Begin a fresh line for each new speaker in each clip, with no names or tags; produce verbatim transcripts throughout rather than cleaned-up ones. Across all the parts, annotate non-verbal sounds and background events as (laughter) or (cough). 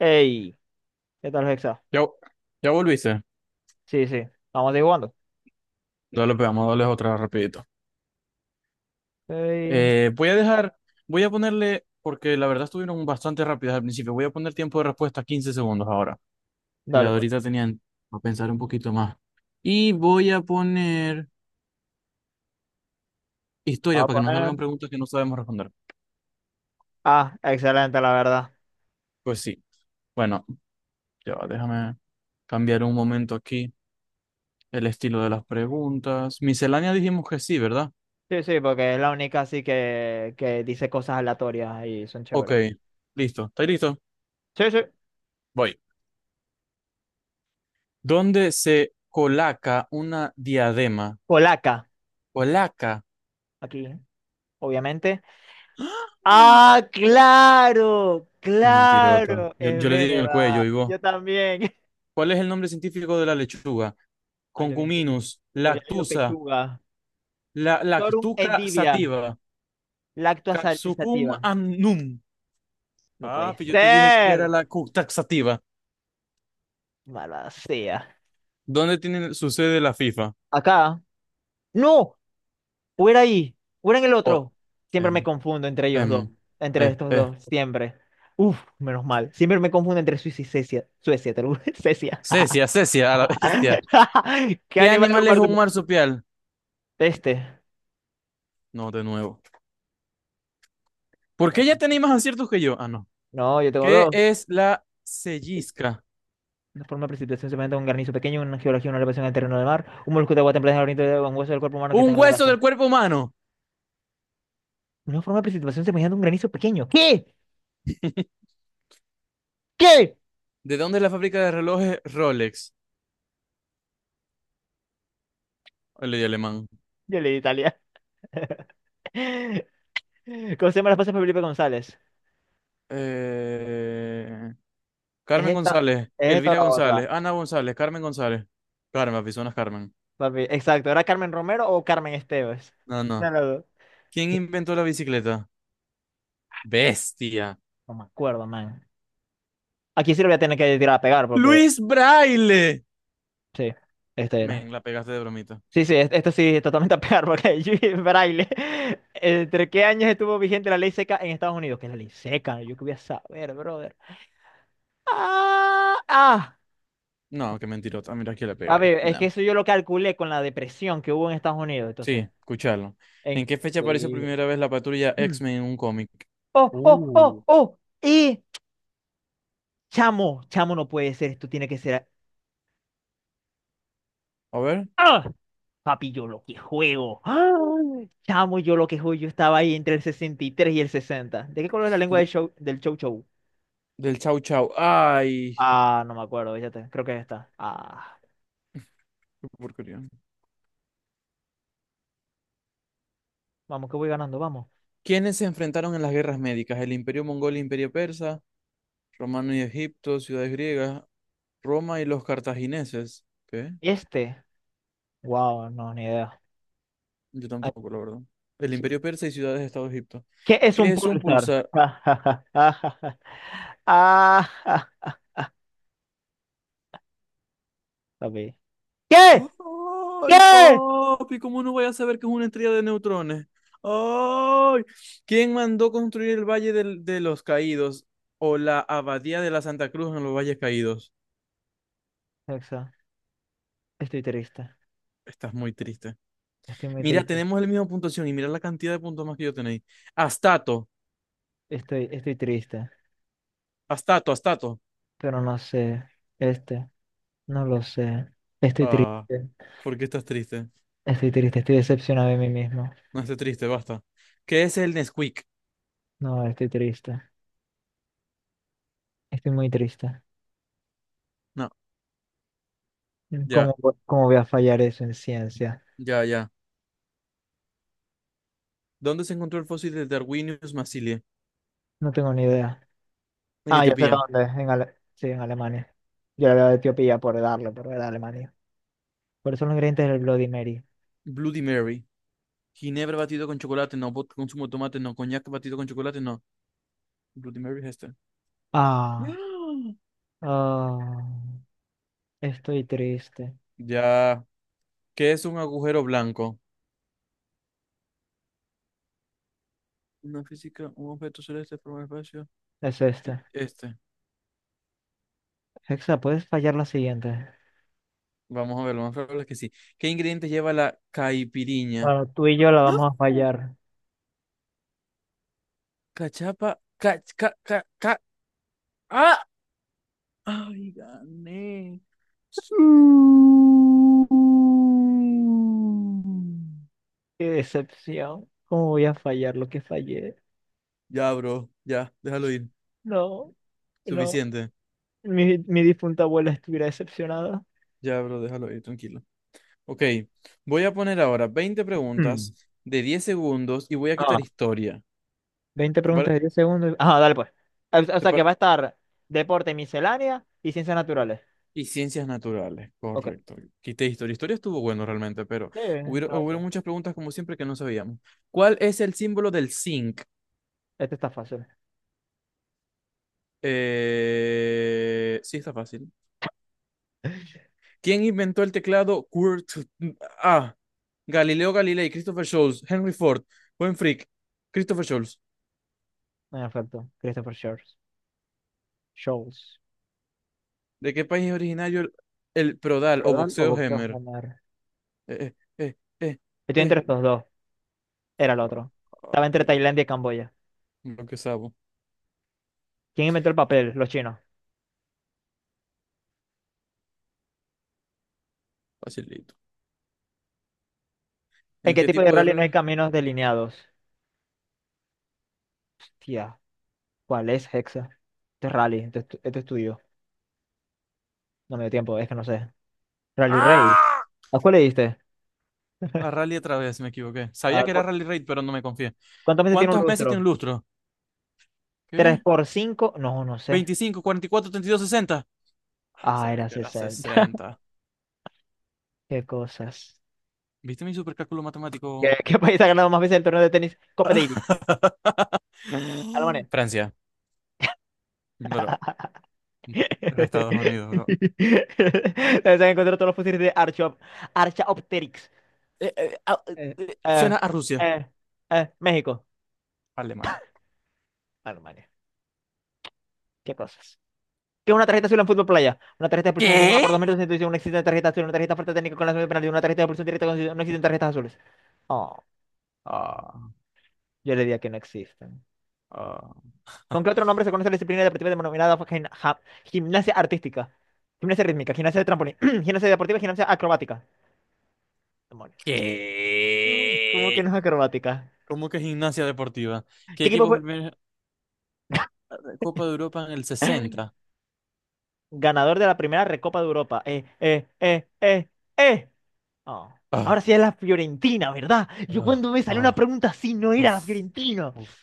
Ey, ¿qué tal, Hexa?
Ya, ya volviste.
Sí, sí, vamos a ir jugando.
Dale, pegamos, dale otra rapidito.
Ey,
Eh, voy a dejar, voy a ponerle, porque la verdad estuvieron bastante rápidas al principio. Voy a poner tiempo de respuesta quince segundos ahora. La de
dale, pues.
ahorita tenían a pensar un poquito más. Y voy a poner historia
Vamos a
para que nos
poner.
salgan preguntas que no sabemos responder.
Ah, excelente, la verdad.
Pues sí. Bueno, ya va, déjame cambiar un momento aquí el estilo de las preguntas. Miscelánea dijimos que sí, ¿verdad?
Sí, sí, porque es la única así que, que dice cosas aleatorias y son
Ok,
chéveres.
listo. ¿Estáis listo?
Sí, sí.
Voy. ¿Dónde se colaca una diadema?
Polaca,
¿Colaca?
aquí, obviamente.
¡Ah!
¡Ah, claro!
Qué mentirota.
¡Claro!
Yo,
Es
yo le di en el cuello,
verdad.
y vos.
Yo también. (laughs)
¿Cuál es el nombre científico de la lechuga?
Ah, yo había,
Concuminus,
yo había leído
lactusa,
pechuga.
la,
Victorum
lactuca
endivia.
sativa,
Lactosa
capsucum
sativa.
annum.
No puede
Papi, yo te dije que era
ser.
la cu-
Mala sea.
¿Dónde tiene su sede la FIFA?
Acá. No, o era ahí, o era en el
Oh,
otro. Siempre me
em,
confundo entre ellos dos,
em,
entre
eh,
estos
eh.
dos, siempre. Uf, menos mal. Siempre me confundo entre Suiza y Suecia. Suecia, te lo juro, (laughs) Suecia.
Cecia, Cecia, a la bestia.
(laughs) ¿Qué
¿Qué
animal
animal es
comparte?
un marsupial?
Este.
No, de nuevo. ¿Por
Vamos,
qué ya
vamos.
tenéis más aciertos que yo? Ah, no.
No, yo tengo
¿Qué
dos.
es la sellisca?
Una forma de precipitación se presenta un granizo pequeño, una geología, una elevación del terreno del mar, un molusco de agua templada en el oriente de un hueso del cuerpo humano que está
Un
en la
hueso del
gracia.
cuerpo humano.
Una forma de precipitación semejante a un granizo pequeño. ¿Qué?
(laughs)
¿Qué?
¿De dónde es la fábrica de relojes Rolex? Le di alemán.
Yo leí Italia. (laughs) ¿Cómo se llama la esposa de Felipe González?
Eh,
Es
Carmen
esta,
González,
es esta o
Elvira
la otra.
González, Ana González, Carmen González. Carmen, personas Carmen.
Papi. Exacto, ¿era Carmen Romero o Carmen Esteves?
No,
Una
no.
de las dos.
¿Quién inventó la bicicleta? Bestia.
No me acuerdo, man. Aquí sí lo voy a tener que tirar a pegar porque.
Luis Braille.
Sí, este era.
Men, la pegaste de bromita.
Sí, sí, es- esto sí, totalmente a pegar porque (laughs) Judy Braille. ¿Entre qué años estuvo vigente la ley seca en Estados Unidos? ¿Qué es la ley seca? Yo qué voy a saber, brother. ¡Ah! ¡Ah!
No, qué mentirota. Mira que la
A
pegáis.
ver, es que
No.
eso yo lo calculé con la depresión que hubo en Estados Unidos, entonces.
Sí, escucharlo.
En...
¿En qué fecha apareció
sí.
primera vez la patrulla X-Men en un cómic?
(clears throat) ¡Oh, oh, oh,
Uh.
oh! Y chamo, chamo, no puede ser, esto tiene que ser.
A ver.
¡Ah! Papi, yo lo que juego. ¡Ah! Chamo, yo lo que juego. Yo estaba ahí entre el sesenta y tres y el sesenta. ¿De qué color es la lengua
De-
del show, del Chow Chow?
del Chau Chau. Ay,
Ah, no me acuerdo, fíjate. Creo que está. Ah,
qué porquería.
vamos, que voy ganando, vamos.
¿Quiénes se enfrentaron en las guerras médicas? El Imperio Mongol, Imperio Persa, Romano y Egipto, ciudades griegas, Roma y los cartagineses. ¿Qué?
Este. Wow, no, ni idea.
Yo
Ah,
tampoco, la verdad. El
sí.
Imperio Persa y ciudades de Estado de Egipto.
¿Qué es un
¿Qué es un
pulsar?
pulsar?
(laughs) Ah, ah, papi. ¿Qué?
Ay,
¿Qué?
papi, ¿cómo no voy a saber que es una estrella de neutrones? Ay, ¿quién mandó construir el Valle del- de los Caídos o la Abadía de la Santa Cruz en los Valles Caídos?
Exacto. Estoy triste.
Estás muy triste.
Estoy muy
Mira,
triste.
tenemos la misma puntuación y mira la cantidad de puntos más que yo tenéis. Astato,
Estoy, estoy triste.
Astato, Astato.
Pero no sé, este, no lo sé. Estoy
Ah,
triste,
¿por qué estás triste?
estoy triste, estoy decepcionado de mí mismo.
No estés triste, basta. ¿Qué es el Nesquik?
No, estoy triste, estoy muy triste.
No, ya,
¿Cómo, vo- cómo voy a fallar eso en ciencia?
ya, ya. ¿Dónde se encontró el fósil de Darwinius massilia?
No tengo ni idea.
En
Ah, ya sé
Etiopía.
dónde, en Ale- sí, en Alemania. Yo le había de Etiopía por darle, pero era Alemania. Por eso los ingredientes del Bloody Mary.
Bloody Mary. Ginebra batido con chocolate, no. Vodka con zumo de tomate, no. Coñac batido con chocolate, no. Bloody Mary es esta.
Ah,
(gasps)
ah, estoy triste.
Ya. ¿Qué es un agujero blanco? Una física, un objeto celeste por un espacio.
Es
Y
este.
este.
Hexa, ¿puedes fallar la siguiente?
Vamos a ver, lo más probable es que sí. ¿Qué ingredientes lleva la caipiriña?
Bueno, tú y yo la
¡Ah!
vamos a fallar.
Cachapa. Ca, ca, ca, ca- ¡Ah! ¡Ay, gané! Sí.
Qué decepción. ¿Cómo voy a fallar lo que fallé?
Ya, bro. Ya, déjalo ir.
No, no.
Suficiente.
Mi, mi difunta abuela estuviera decepcionada.
Ya, bro, déjalo ahí, tranquilo. Ok, voy a poner ahora veinte
Mm.
preguntas de diez segundos y voy a quitar
Ah,
historia.
¿veinte
¿Te pare-
preguntas de diez segundos? Ah, dale pues. O, o
te
sea que
par-
va a estar deporte, miscelánea y ciencias naturales.
y ciencias naturales,
Ok.
correcto. Quité historia. Historia estuvo bueno realmente, pero
Sí, está
hubieron, hubieron
fácil.
muchas preguntas como siempre que no sabíamos. ¿Cuál es el símbolo del zinc?
Este está fácil.
Eh, sí, está fácil. ¿Quién inventó el teclado Kurt? A. Galileo Galilei, Christopher Scholes, Henry Ford, Buen Frick, Christopher Scholes.
No, me faltó. Christopher Shaws. Shows.
¿De qué país es originario el, el prodal o
¿Perdón o
boxeo
boxeo?
Hemer?
Ganar.
Eh, eh, eh, eh,
Estoy entre
eh.
estos dos. Era el otro. Estaba entre
Papi, lo,
Tailandia y Camboya.
lo que sabo.
¿Quién inventó el papel? Los chinos.
Facilito.
¿En
¿En
qué
qué
tipo de
tipo de
rally no hay
rally?
caminos delineados? Tía. ¿Cuál es Hexa? Este es Rally, este, es tu- este es tuyo. No me dio tiempo, es que no sé. Rally Rey.
¡Ah!
¿A cuál le diste?
A rally otra vez, me equivoqué.
¿A
Sabía que era
cu-
rally raid, pero no me confié.
¿Cuántas veces tiene un
¿Cuántos meses tiene
lustro?
un lustro?
¿Tres
¿Qué?
por cinco? No, no sé.
¿veinticinco, cuarenta y cuatro, treinta y dos, sesenta? Ah,
Ah,
sabía
era
que era
sesenta. (laughs)
sesenta.
Qué cosas.
¿Viste mi supercálculo
¿Qué,
matemático?
qué país ha ganado más veces el torneo de tenis? Copa Davis.
(laughs)
Alemania.
Francia, bro.
(laughs)
Era Estados Unidos, bro.
Debes haber encontrado todos los fósiles de Archop Archaopteryx.
Eh, eh, ah, eh,
Eh,
eh,
eh,
suena a Rusia.
eh, eh, México.
Alemania.
Alemania. Qué cosas. ¿Qué es una tarjeta azul en fútbol playa? Una tarjeta de expulsión jugada
¿Qué?
por dos metros sin intuición, una existe tarjeta azul, una tarjeta falta técnica con la de penalti, una tarjeta de expulsión directa con no existen tarjetas azules. Oh,
Ah,
yo le diría que no existen.
ah.
¿Con qué
(laughs)
otro nombre se conoce la disciplina deportiva denominada gim- ja- gimnasia artística? Gimnasia rítmica, gimnasia de trampolín, (clears throat) gimnasia deportiva, y gimnasia acrobática. Demonios. (laughs) ¿Cómo que
¿Qué?
no es acrobática?
¿Cómo que gimnasia deportiva? ¿Qué
¿Qué equipo
equipo fue
fue
el primer eh, Copa de Europa en el sesenta?
ganador de la primera Recopa de Europa? Eh, eh, eh, eh, eh. Oh,
Ah,
ahora sí es la Fiorentina, ¿verdad? Yo
ah,
cuando me salió una
ah.
pregunta así no era la
Uf,
Fiorentina.
uf.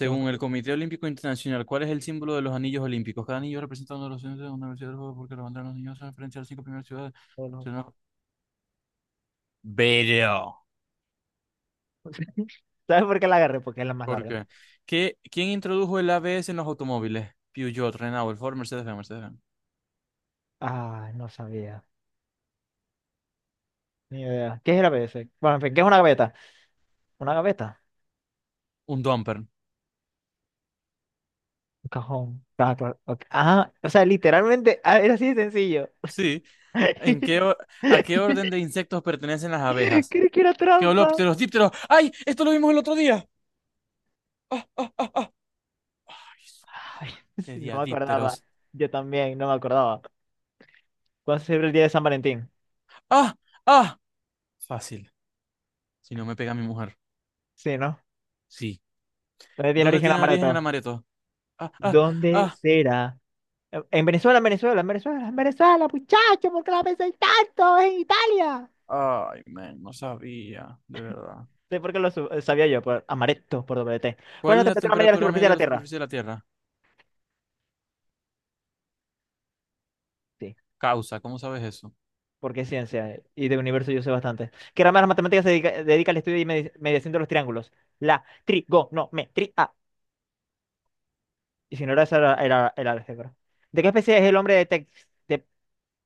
Sí, un
el Comité Olímpico Internacional, ¿cuál es el símbolo de los anillos olímpicos? Cada anillo representa uno de los centros de una universidad del juego porque la bandera de los niños se referencia a las cinco primeras ciudades.
solo.
Si no- Pero.
(laughs) ¿Sabes por qué la agarré? Porque es la más
¿Por
larga.
qué? ¿Qué- ¿Quién introdujo el A B S en los automóviles? Peugeot, Renault, Ford, Mercedes-Benz, Mercedes-Benz.
Ah, no sabía. Ni idea. ¿Qué es la P C? Bueno, en fin, ¿qué es una gaveta? Una gaveta.
Un dumper.
Un cajón. Ah, claro, ok. Ah, o sea, literalmente ah, era así de sencillo.
Sí, ¿en qué, o- a qué
(laughs)
orden de insectos pertenecen las abejas?
Creí que era trampa.
Queolópteros, dípteros. ¡Ay! Esto lo vimos el otro día. ¡Ah, ah, ah! Ay, su-
Ay, (laughs)
Le
sí,
di
no
a
me acordaba.
dípteros.
Yo también, no me acordaba. ¿Cuándo se celebra el día de San Valentín?
¡Ah, ah! Fácil. Si no me pega mi mujer.
Sí, ¿no?
Sí.
¿Dónde tiene
¿Dónde
origen la
tiene origen el
Amaretto?
amareto? ¡Ah, ah,
¿Dónde
ah!
será? En Venezuela, en Venezuela, en Venezuela, en Venezuela, muchacho, ¿por qué la pensáis tanto? Es en Italia.
Ay, men, no sabía, de verdad.
Sí, porque lo su- sabía yo, por amaretto, por doble T. ¿Cuál es
¿Cuál
la
es la
temperatura media de la
temperatura
superficie de
media de
la
la
Tierra?
superficie de la Tierra?
Sí,
Causa, ¿cómo sabes eso?
porque es ciencia, eh, y de universo yo sé bastante. ¿Qué rama de las matemáticas se dedica, dedica al estudio y medi- mediación de los triángulos? La trigonometría. Y si no era esa, era, era- era álgebra. ¿De qué especie es el hombre de Tex, de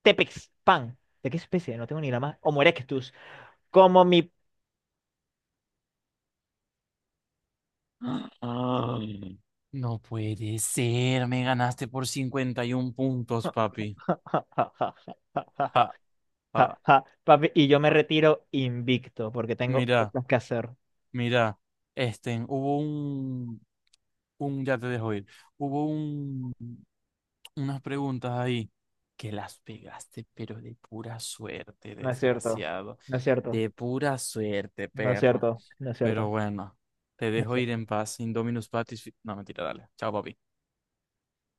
Tepexpan? ¿De qué especie? No tengo ni la más. Homo erectus. Como mi...
(gasps) Ah. No puede ser, me ganaste por cincuenta y un puntos, papi.
(laughs)
Ja,
Ja,
ja,
ja, papi, y yo me
ja.
retiro invicto porque tengo
Mira,
cosas que hacer.
mira, este, hubo un, un, ya te dejo ir, hubo un, unas preguntas ahí que las pegaste, pero de pura suerte,
No es cierto,
desgraciado,
no es cierto,
de pura suerte,
no es
perro.
cierto, no es
Pero
cierto,
bueno, te
no es
dejo ir
cierto.
en paz, Indominus Patis, fi- no, mentira, dale, chao, papi.